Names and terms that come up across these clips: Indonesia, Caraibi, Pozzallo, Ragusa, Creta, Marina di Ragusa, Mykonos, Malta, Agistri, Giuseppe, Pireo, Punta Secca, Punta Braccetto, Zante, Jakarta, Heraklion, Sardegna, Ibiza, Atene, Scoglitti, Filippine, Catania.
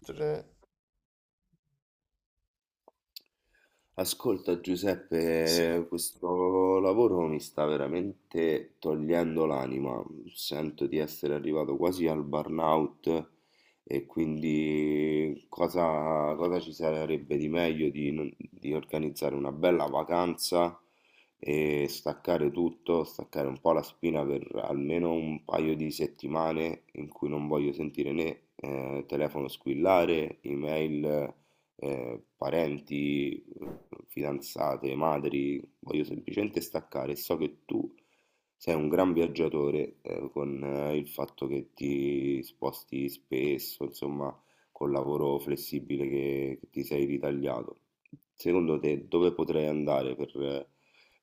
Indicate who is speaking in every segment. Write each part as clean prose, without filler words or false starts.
Speaker 1: Tre.
Speaker 2: Ascolta
Speaker 1: Sì.
Speaker 2: Giuseppe, questo lavoro mi sta veramente togliendo l'anima. Sento di essere arrivato quasi al burnout, e quindi cosa ci sarebbe di meglio di, non- di organizzare una bella vacanza e staccare tutto, staccare un po' la spina per almeno un paio di settimane, in cui non voglio sentire né telefono squillare, email, parenti, fidanzate, madri. Voglio semplicemente staccare, e so che tu sei un gran viaggiatore, con il fatto che ti sposti spesso, insomma, col lavoro flessibile che ti sei ritagliato. Secondo te dove potrei andare per, eh,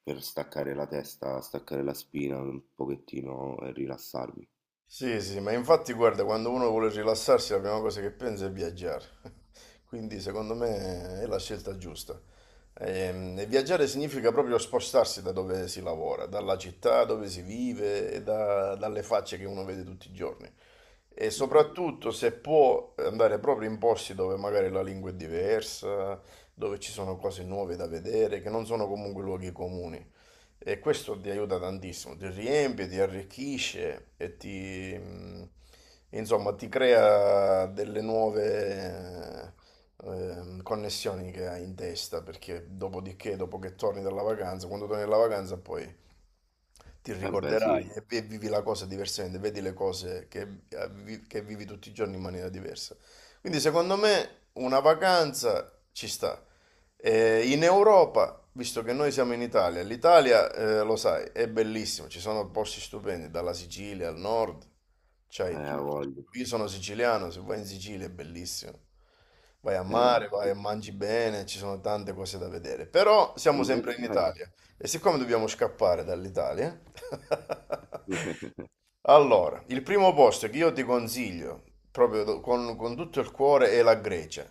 Speaker 2: per staccare la testa, staccare la spina un pochettino e rilassarmi?
Speaker 1: Sì, sì, ma infatti guarda, quando uno vuole rilassarsi la prima cosa che pensa è viaggiare. Quindi secondo me è la scelta giusta. Viaggiare significa proprio spostarsi da dove si lavora, dalla città dove si vive e dalle facce che uno vede tutti i giorni. E
Speaker 2: Mhm.
Speaker 1: soprattutto se può andare proprio in posti dove magari la lingua è diversa, dove ci sono cose nuove da vedere, che non sono comunque luoghi comuni. E questo ti aiuta tantissimo, ti riempie, ti arricchisce e ti, insomma, ti crea delle nuove connessioni che hai in testa, perché dopodiché, dopo che torni dalla vacanza, quando torni dalla vacanza poi ti
Speaker 2: Eh beh sì.
Speaker 1: ricorderai e vivi la cosa diversamente, vedi le cose che, che vivi tutti i giorni in maniera diversa. Quindi secondo me una vacanza ci sta. In Europa, visto che noi siamo in Italia, l'Italia, lo sai, è bellissima, ci sono posti stupendi, dalla Sicilia al nord, c'hai
Speaker 2: Eh, ha
Speaker 1: tutto.
Speaker 2: voglia.
Speaker 1: Io sono siciliano, se vai in Sicilia è bellissimo. Vai a mare,
Speaker 2: Eh,
Speaker 1: vai e mangi bene, ci sono tante cose da vedere. Però siamo
Speaker 2: ma
Speaker 1: sempre in
Speaker 2: sai-
Speaker 1: Italia. E siccome dobbiamo scappare dall'Italia, allora, il primo posto che io ti consiglio, proprio con tutto il cuore, è la Grecia.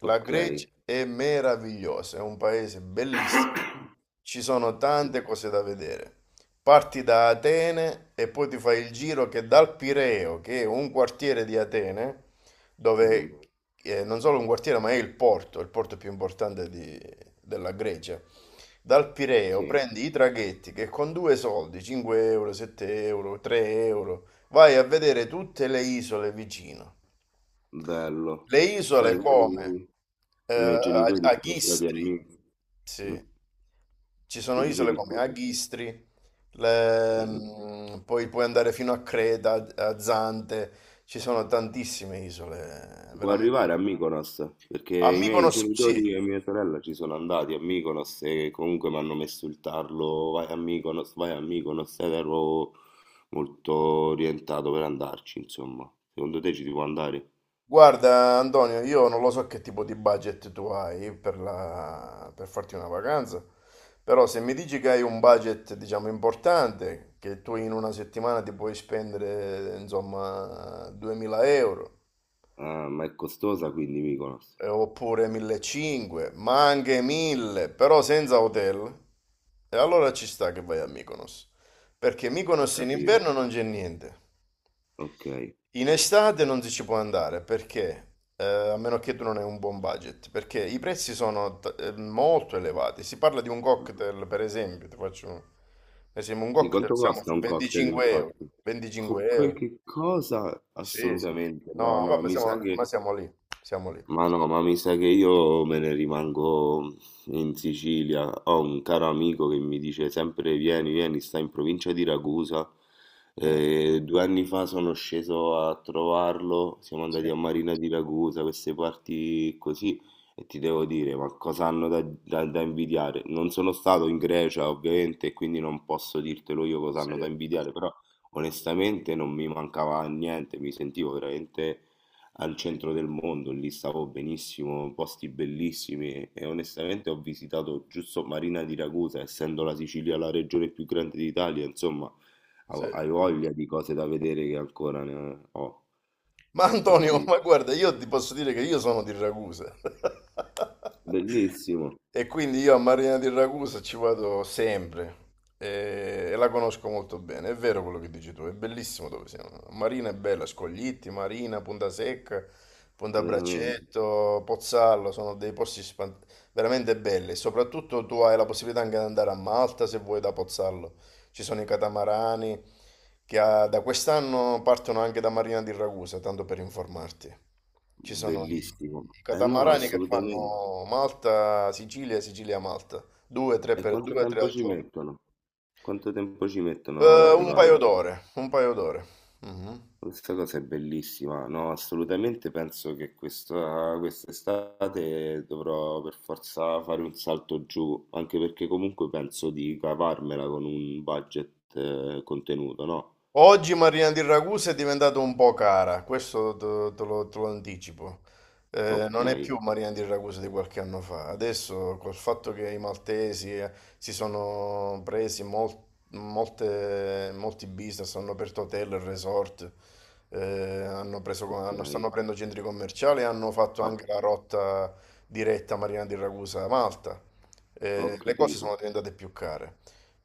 Speaker 1: La
Speaker 2: Ok.
Speaker 1: Grecia è meravigliosa, è un paese bellissimo. Ci sono tante cose da vedere. Parti da Atene e poi ti fai il giro che dal Pireo, che è un quartiere di Atene,
Speaker 2: Mh-mh.
Speaker 1: dove non solo un quartiere, ma è il porto più importante della Grecia. Dal Pireo
Speaker 2: Sì,
Speaker 1: prendi i traghetti che con due soldi, 5 euro, 7 euro, 3 euro, vai a vedere tutte le isole vicino.
Speaker 2: bello.
Speaker 1: Le isole
Speaker 2: Sai,
Speaker 1: come
Speaker 2: poi i miei genitori sono stati a
Speaker 1: Agistri,
Speaker 2: Myk- mh,
Speaker 1: sì. Ci sono
Speaker 2: sì,
Speaker 1: isole
Speaker 2: dicevi
Speaker 1: come
Speaker 2: scusa?
Speaker 1: Agistri,
Speaker 2: Mh-mh.
Speaker 1: poi puoi andare fino a Creta, a Zante, ci sono tantissime isole,
Speaker 2: Si può
Speaker 1: veramente.
Speaker 2: arrivare a Mykonos? Perché
Speaker 1: A
Speaker 2: i miei
Speaker 1: Mykonos, sì.
Speaker 2: genitori e mia sorella ci sono andati a Mykonos e comunque m'hanno messo il tarlo: vai a Mykonos", ed ero molto orientato per andarci, insomma. Secondo te ci si può andare?
Speaker 1: Guarda, Antonio, io non lo so che tipo di budget tu hai per, per farti una vacanza, però se mi dici che hai un budget, diciamo, importante, che tu in una settimana ti puoi spendere, insomma, 2000 euro,
Speaker 2: Ah, ma è costosa quindi Mykonos?
Speaker 1: oppure 1500, ma anche 1000, però senza hotel, e allora ci sta che vai a Mykonos, perché
Speaker 2: Ho
Speaker 1: Mykonos in
Speaker 2: capito,
Speaker 1: inverno non c'è niente.
Speaker 2: okay.
Speaker 1: In estate non si ci può andare perché, a meno che tu non hai un buon budget, perché i prezzi sono molto elevati. Si parla di un
Speaker 2: Mh.
Speaker 1: cocktail, per esempio, ti faccio un esempio, un
Speaker 2: Sì,
Speaker 1: cocktail
Speaker 2: quanto
Speaker 1: siamo
Speaker 2: costa
Speaker 1: sui
Speaker 2: un cocktail,
Speaker 1: 25 euro.
Speaker 2: infatti?
Speaker 1: 25
Speaker 2: Quel
Speaker 1: euro.
Speaker 2: che cosa?
Speaker 1: Sì, sì.
Speaker 2: Assolutamente no,
Speaker 1: No,
Speaker 2: no,
Speaker 1: vabbè,
Speaker 2: mi
Speaker 1: siamo,
Speaker 2: sa che...
Speaker 1: ma siamo lì, siamo lì.
Speaker 2: Ma no, ma mi sa che io me ne rimango in Sicilia. Ho un caro amico che mi dice sempre vieni, vieni, sta in provincia di Ragusa.
Speaker 1: Mm.
Speaker 2: 2 anni fa sono sceso a trovarlo, siamo
Speaker 1: Sì,
Speaker 2: andati a Marina di Ragusa, queste parti così, e ti devo dire, ma cosa hanno da invidiare? Non sono stato in Grecia, ovviamente, e quindi non posso dirtelo io cosa
Speaker 1: sì,
Speaker 2: hanno da invidiare, però onestamente non mi mancava niente, mi sentivo veramente al centro del mondo, lì stavo benissimo, posti bellissimi, e onestamente ho visitato giusto Marina di Ragusa. Essendo la Sicilia la regione più grande d'Italia, insomma,
Speaker 1: sì.
Speaker 2: hai voglia di cose da vedere che ancora ne ho.
Speaker 1: Ma Antonio,
Speaker 2: Infatti,
Speaker 1: ma guarda, io ti posso dire che io sono di Ragusa.
Speaker 2: bellissimo,
Speaker 1: E quindi io a Marina di Ragusa ci vado sempre e la conosco molto bene. È vero quello che dici tu, è bellissimo dove siamo. Marina è bella, Scoglitti, Marina, Punta Secca, Punta
Speaker 2: veramente,
Speaker 1: Braccetto, Pozzallo, sono dei posti veramente belli. Soprattutto tu hai la possibilità anche di andare a Malta se vuoi da Pozzallo. Ci sono i catamarani che da quest'anno partono anche da Marina di Ragusa, tanto per informarti. Ci sono i,
Speaker 2: bellissimo.
Speaker 1: i
Speaker 2: Eh no,
Speaker 1: catamarani che
Speaker 2: assolutamente.
Speaker 1: fanno Malta, Sicilia, Sicilia, Malta, due, tre,
Speaker 2: E
Speaker 1: per,
Speaker 2: quanto
Speaker 1: due, tre
Speaker 2: tempo
Speaker 1: al
Speaker 2: ci
Speaker 1: giorno.
Speaker 2: mettono? Quanto tempo ci mettono ad
Speaker 1: Un paio
Speaker 2: arrivare?
Speaker 1: d'ore, un paio d'ore. Mhm.
Speaker 2: Questa cosa è bellissima, no, assolutamente penso che questa, quest'estate dovrò per forza fare un salto giù, anche perché comunque penso di cavarmela con un budget contenuto, no?
Speaker 1: Oggi Marina di Ragusa è diventata un po' cara, questo te, te lo anticipo.
Speaker 2: Ok,
Speaker 1: Non è più Marina di Ragusa di qualche anno fa. Adesso, col fatto che i maltesi si sono presi molti business, hanno aperto hotel, resort, eh, hanno preso,
Speaker 2: ok,
Speaker 1: stanno aprendo centri commerciali e hanno fatto anche
Speaker 2: ho,
Speaker 1: la rotta diretta Marina di Ragusa-Malta.
Speaker 2: ho
Speaker 1: Le cose
Speaker 2: capito.
Speaker 1: sono diventate più care.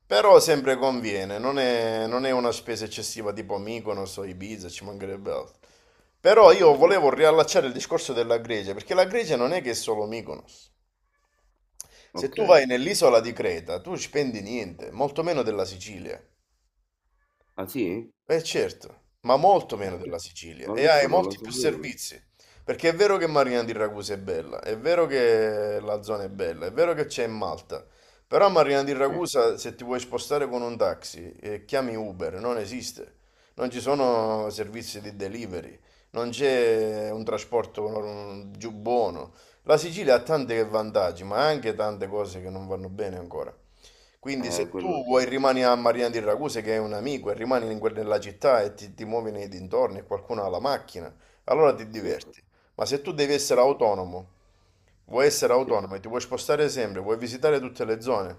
Speaker 1: Però sempre conviene, non è una spesa eccessiva tipo Mykonos o Ibiza, ci mancherebbe altro. Però io
Speaker 2: Mhm.
Speaker 1: volevo riallacciare il discorso della Grecia, perché la Grecia non è che è solo Mykonos. Se
Speaker 2: Ok,
Speaker 1: tu vai nell'isola di Creta, tu spendi niente, molto meno della Sicilia.
Speaker 2: ah sì?
Speaker 1: Eh certo, ma molto meno della Sicilia
Speaker 2: Ma
Speaker 1: e hai
Speaker 2: questo non lo
Speaker 1: molti più
Speaker 2: sapevo.
Speaker 1: servizi, perché è vero che Marina di Ragusa è bella, è vero che la zona è bella, è vero che c'è in Malta, però a Marina di
Speaker 2: Sì,
Speaker 1: Ragusa se ti vuoi spostare con un taxi e chiami Uber, non esiste, non ci sono servizi di delivery, non c'è un trasporto giù buono. La Sicilia ha tanti vantaggi, ma anche tante cose che non vanno bene ancora. Quindi se
Speaker 2: quello
Speaker 1: tu
Speaker 2: sì,
Speaker 1: vuoi rimani a Marina di Raguse che è un amico e rimani in nella città e ti muovi nei dintorni e qualcuno ha la macchina, allora ti
Speaker 2: sì,
Speaker 1: diverti. Ma se tu devi essere
Speaker 2: sì,
Speaker 1: autonomo, vuoi essere
Speaker 2: sì.
Speaker 1: autonomo e ti vuoi spostare sempre, vuoi visitare tutte le zone,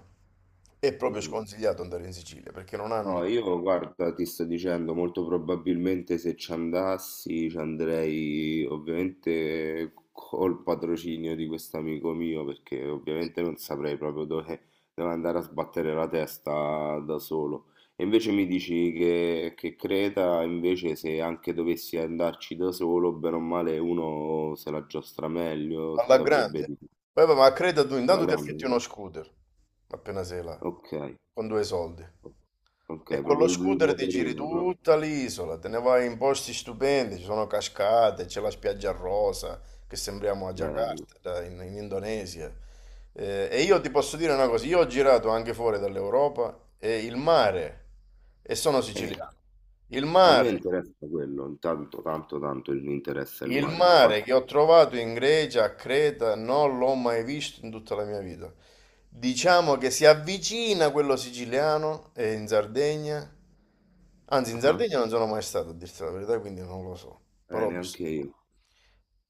Speaker 1: è proprio
Speaker 2: Mm.
Speaker 1: sconsigliato andare in Sicilia perché non
Speaker 2: No,
Speaker 1: hanno
Speaker 2: io guarda, ti sto dicendo, molto probabilmente se ci andassi ci andrei ovviamente col patrocinio di questo amico mio, perché ovviamente non saprei proprio dove, dove andare a sbattere la testa da solo. E invece mi dici che Creta, invece se anche dovessi andarci da solo, bene o male uno se la giostra meglio, si
Speaker 1: alla
Speaker 2: saprebbe
Speaker 1: grande.
Speaker 2: di...
Speaker 1: Poi, vabbè, ma credo tu,
Speaker 2: Alla
Speaker 1: intanto ti affitti
Speaker 2: grande?
Speaker 1: uno scooter, appena sei là,
Speaker 2: Ok,
Speaker 1: con due soldi. E
Speaker 2: ok,
Speaker 1: con lo
Speaker 2: proprio il
Speaker 1: scooter ti giri
Speaker 2: motorino, no?
Speaker 1: tutta l'isola, te ne vai in posti stupendi, ci sono cascate, c'è la spiaggia rosa, che sembriamo a
Speaker 2: Bello.
Speaker 1: Jakarta, in, in Indonesia. E io ti posso dire una cosa, io ho girato anche fuori dall'Europa e il mare, e sono
Speaker 2: Eh,
Speaker 1: siciliano, il
Speaker 2: a me
Speaker 1: mare
Speaker 2: interessa quello, intanto tanto tanto mi interessa il
Speaker 1: il
Speaker 2: mare,
Speaker 1: mare che
Speaker 2: infatti,
Speaker 1: ho trovato in Grecia, a Creta, non l'ho mai visto in tutta la mia vita. Diciamo che si avvicina a quello siciliano e in Sardegna. Anzi, in
Speaker 2: ah,
Speaker 1: Sardegna non sono mai stato, a dirti la verità, quindi non lo so. Però ho visto,
Speaker 2: neanche
Speaker 1: che
Speaker 2: io,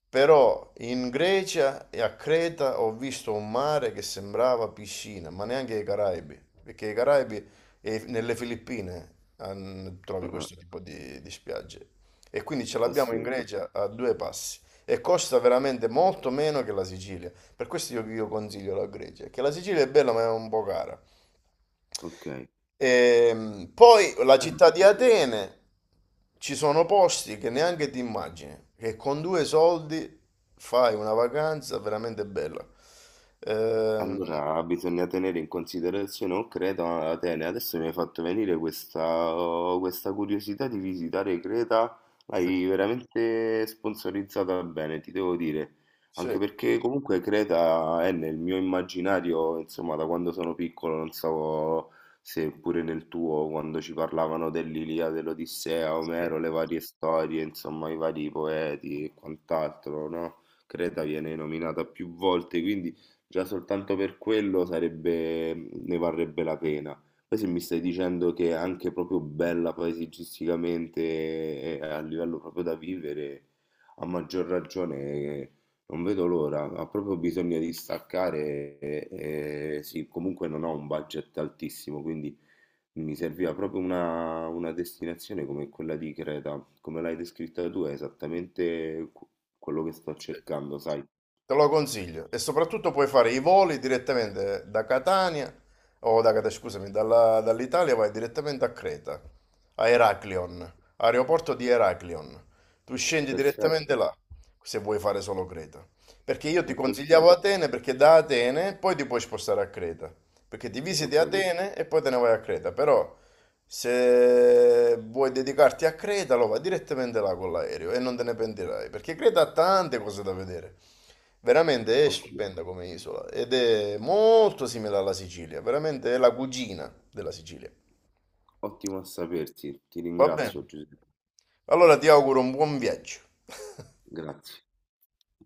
Speaker 1: però in Grecia e a Creta ho visto un mare che sembrava piscina, ma neanche i Caraibi, perché i Caraibi e nelle Filippine
Speaker 2: ah,
Speaker 1: trovi
Speaker 2: ah,
Speaker 1: questo tipo di spiagge. E quindi ce l'abbiamo in
Speaker 2: assurdo,
Speaker 1: Grecia a due passi. E costa veramente molto meno che la Sicilia. Per questo io consiglio la Grecia, che la Sicilia è bella ma è un po' cara.
Speaker 2: ok.
Speaker 1: Poi la
Speaker 2: Ah,
Speaker 1: città di Atene, ci sono posti che neanche ti immagini, che con due soldi fai una vacanza veramente bella. Ehm,
Speaker 2: allora, bisogna tenere in considerazione, o Creta o Atene. Adesso mi hai fatto venire questa curiosità di visitare Creta,
Speaker 1: sì,
Speaker 2: l'hai veramente sponsorizzata bene, ti devo dire. Anche
Speaker 1: sì.
Speaker 2: perché comunque Creta è nel mio immaginario, insomma, da quando sono piccolo, non so se pure nel tuo, quando ci parlavano dell'Ilia, dell'Odissea, Omero, le varie storie, insomma, i vari poeti e quant'altro, no? Creta viene nominata più volte, quindi... Già soltanto per quello sarebbe, ne varrebbe la pena. Poi se mi stai dicendo che è anche proprio bella paesaggisticamente e a livello proprio da vivere, a maggior ragione non vedo l'ora. Ha proprio bisogno di staccare e sì, comunque non ho un budget altissimo, quindi mi serviva proprio una destinazione come quella di Creta. Come l'hai descritta tu è esattamente quello che sto cercando, sai?
Speaker 1: Te lo consiglio e soprattutto puoi fare i voli direttamente da Catania, o da Catania, scusami, dall'Italia vai direttamente a Creta, a Heraklion, aeroporto di Heraklion. Tu scendi direttamente
Speaker 2: Perfetto,
Speaker 1: là se vuoi fare solo Creta. Perché io ti
Speaker 2: è
Speaker 1: consigliavo
Speaker 2: perfetto.
Speaker 1: Atene perché da Atene poi ti puoi spostare a Creta. Perché ti
Speaker 2: Ho
Speaker 1: visiti
Speaker 2: capito,
Speaker 1: Atene e poi te ne vai a Creta, però se vuoi dedicarti a Creta lo vai direttamente là con l'aereo e non te ne pentirai, perché Creta ha tante cose da vedere. Veramente è
Speaker 2: ottimo,
Speaker 1: stupenda come isola ed è molto simile alla Sicilia, veramente è la cugina della Sicilia.
Speaker 2: ottimo a sapersi, ti
Speaker 1: Va bene.
Speaker 2: ringrazio Giuseppe,
Speaker 1: Allora ti auguro un buon viaggio.
Speaker 2: grazie.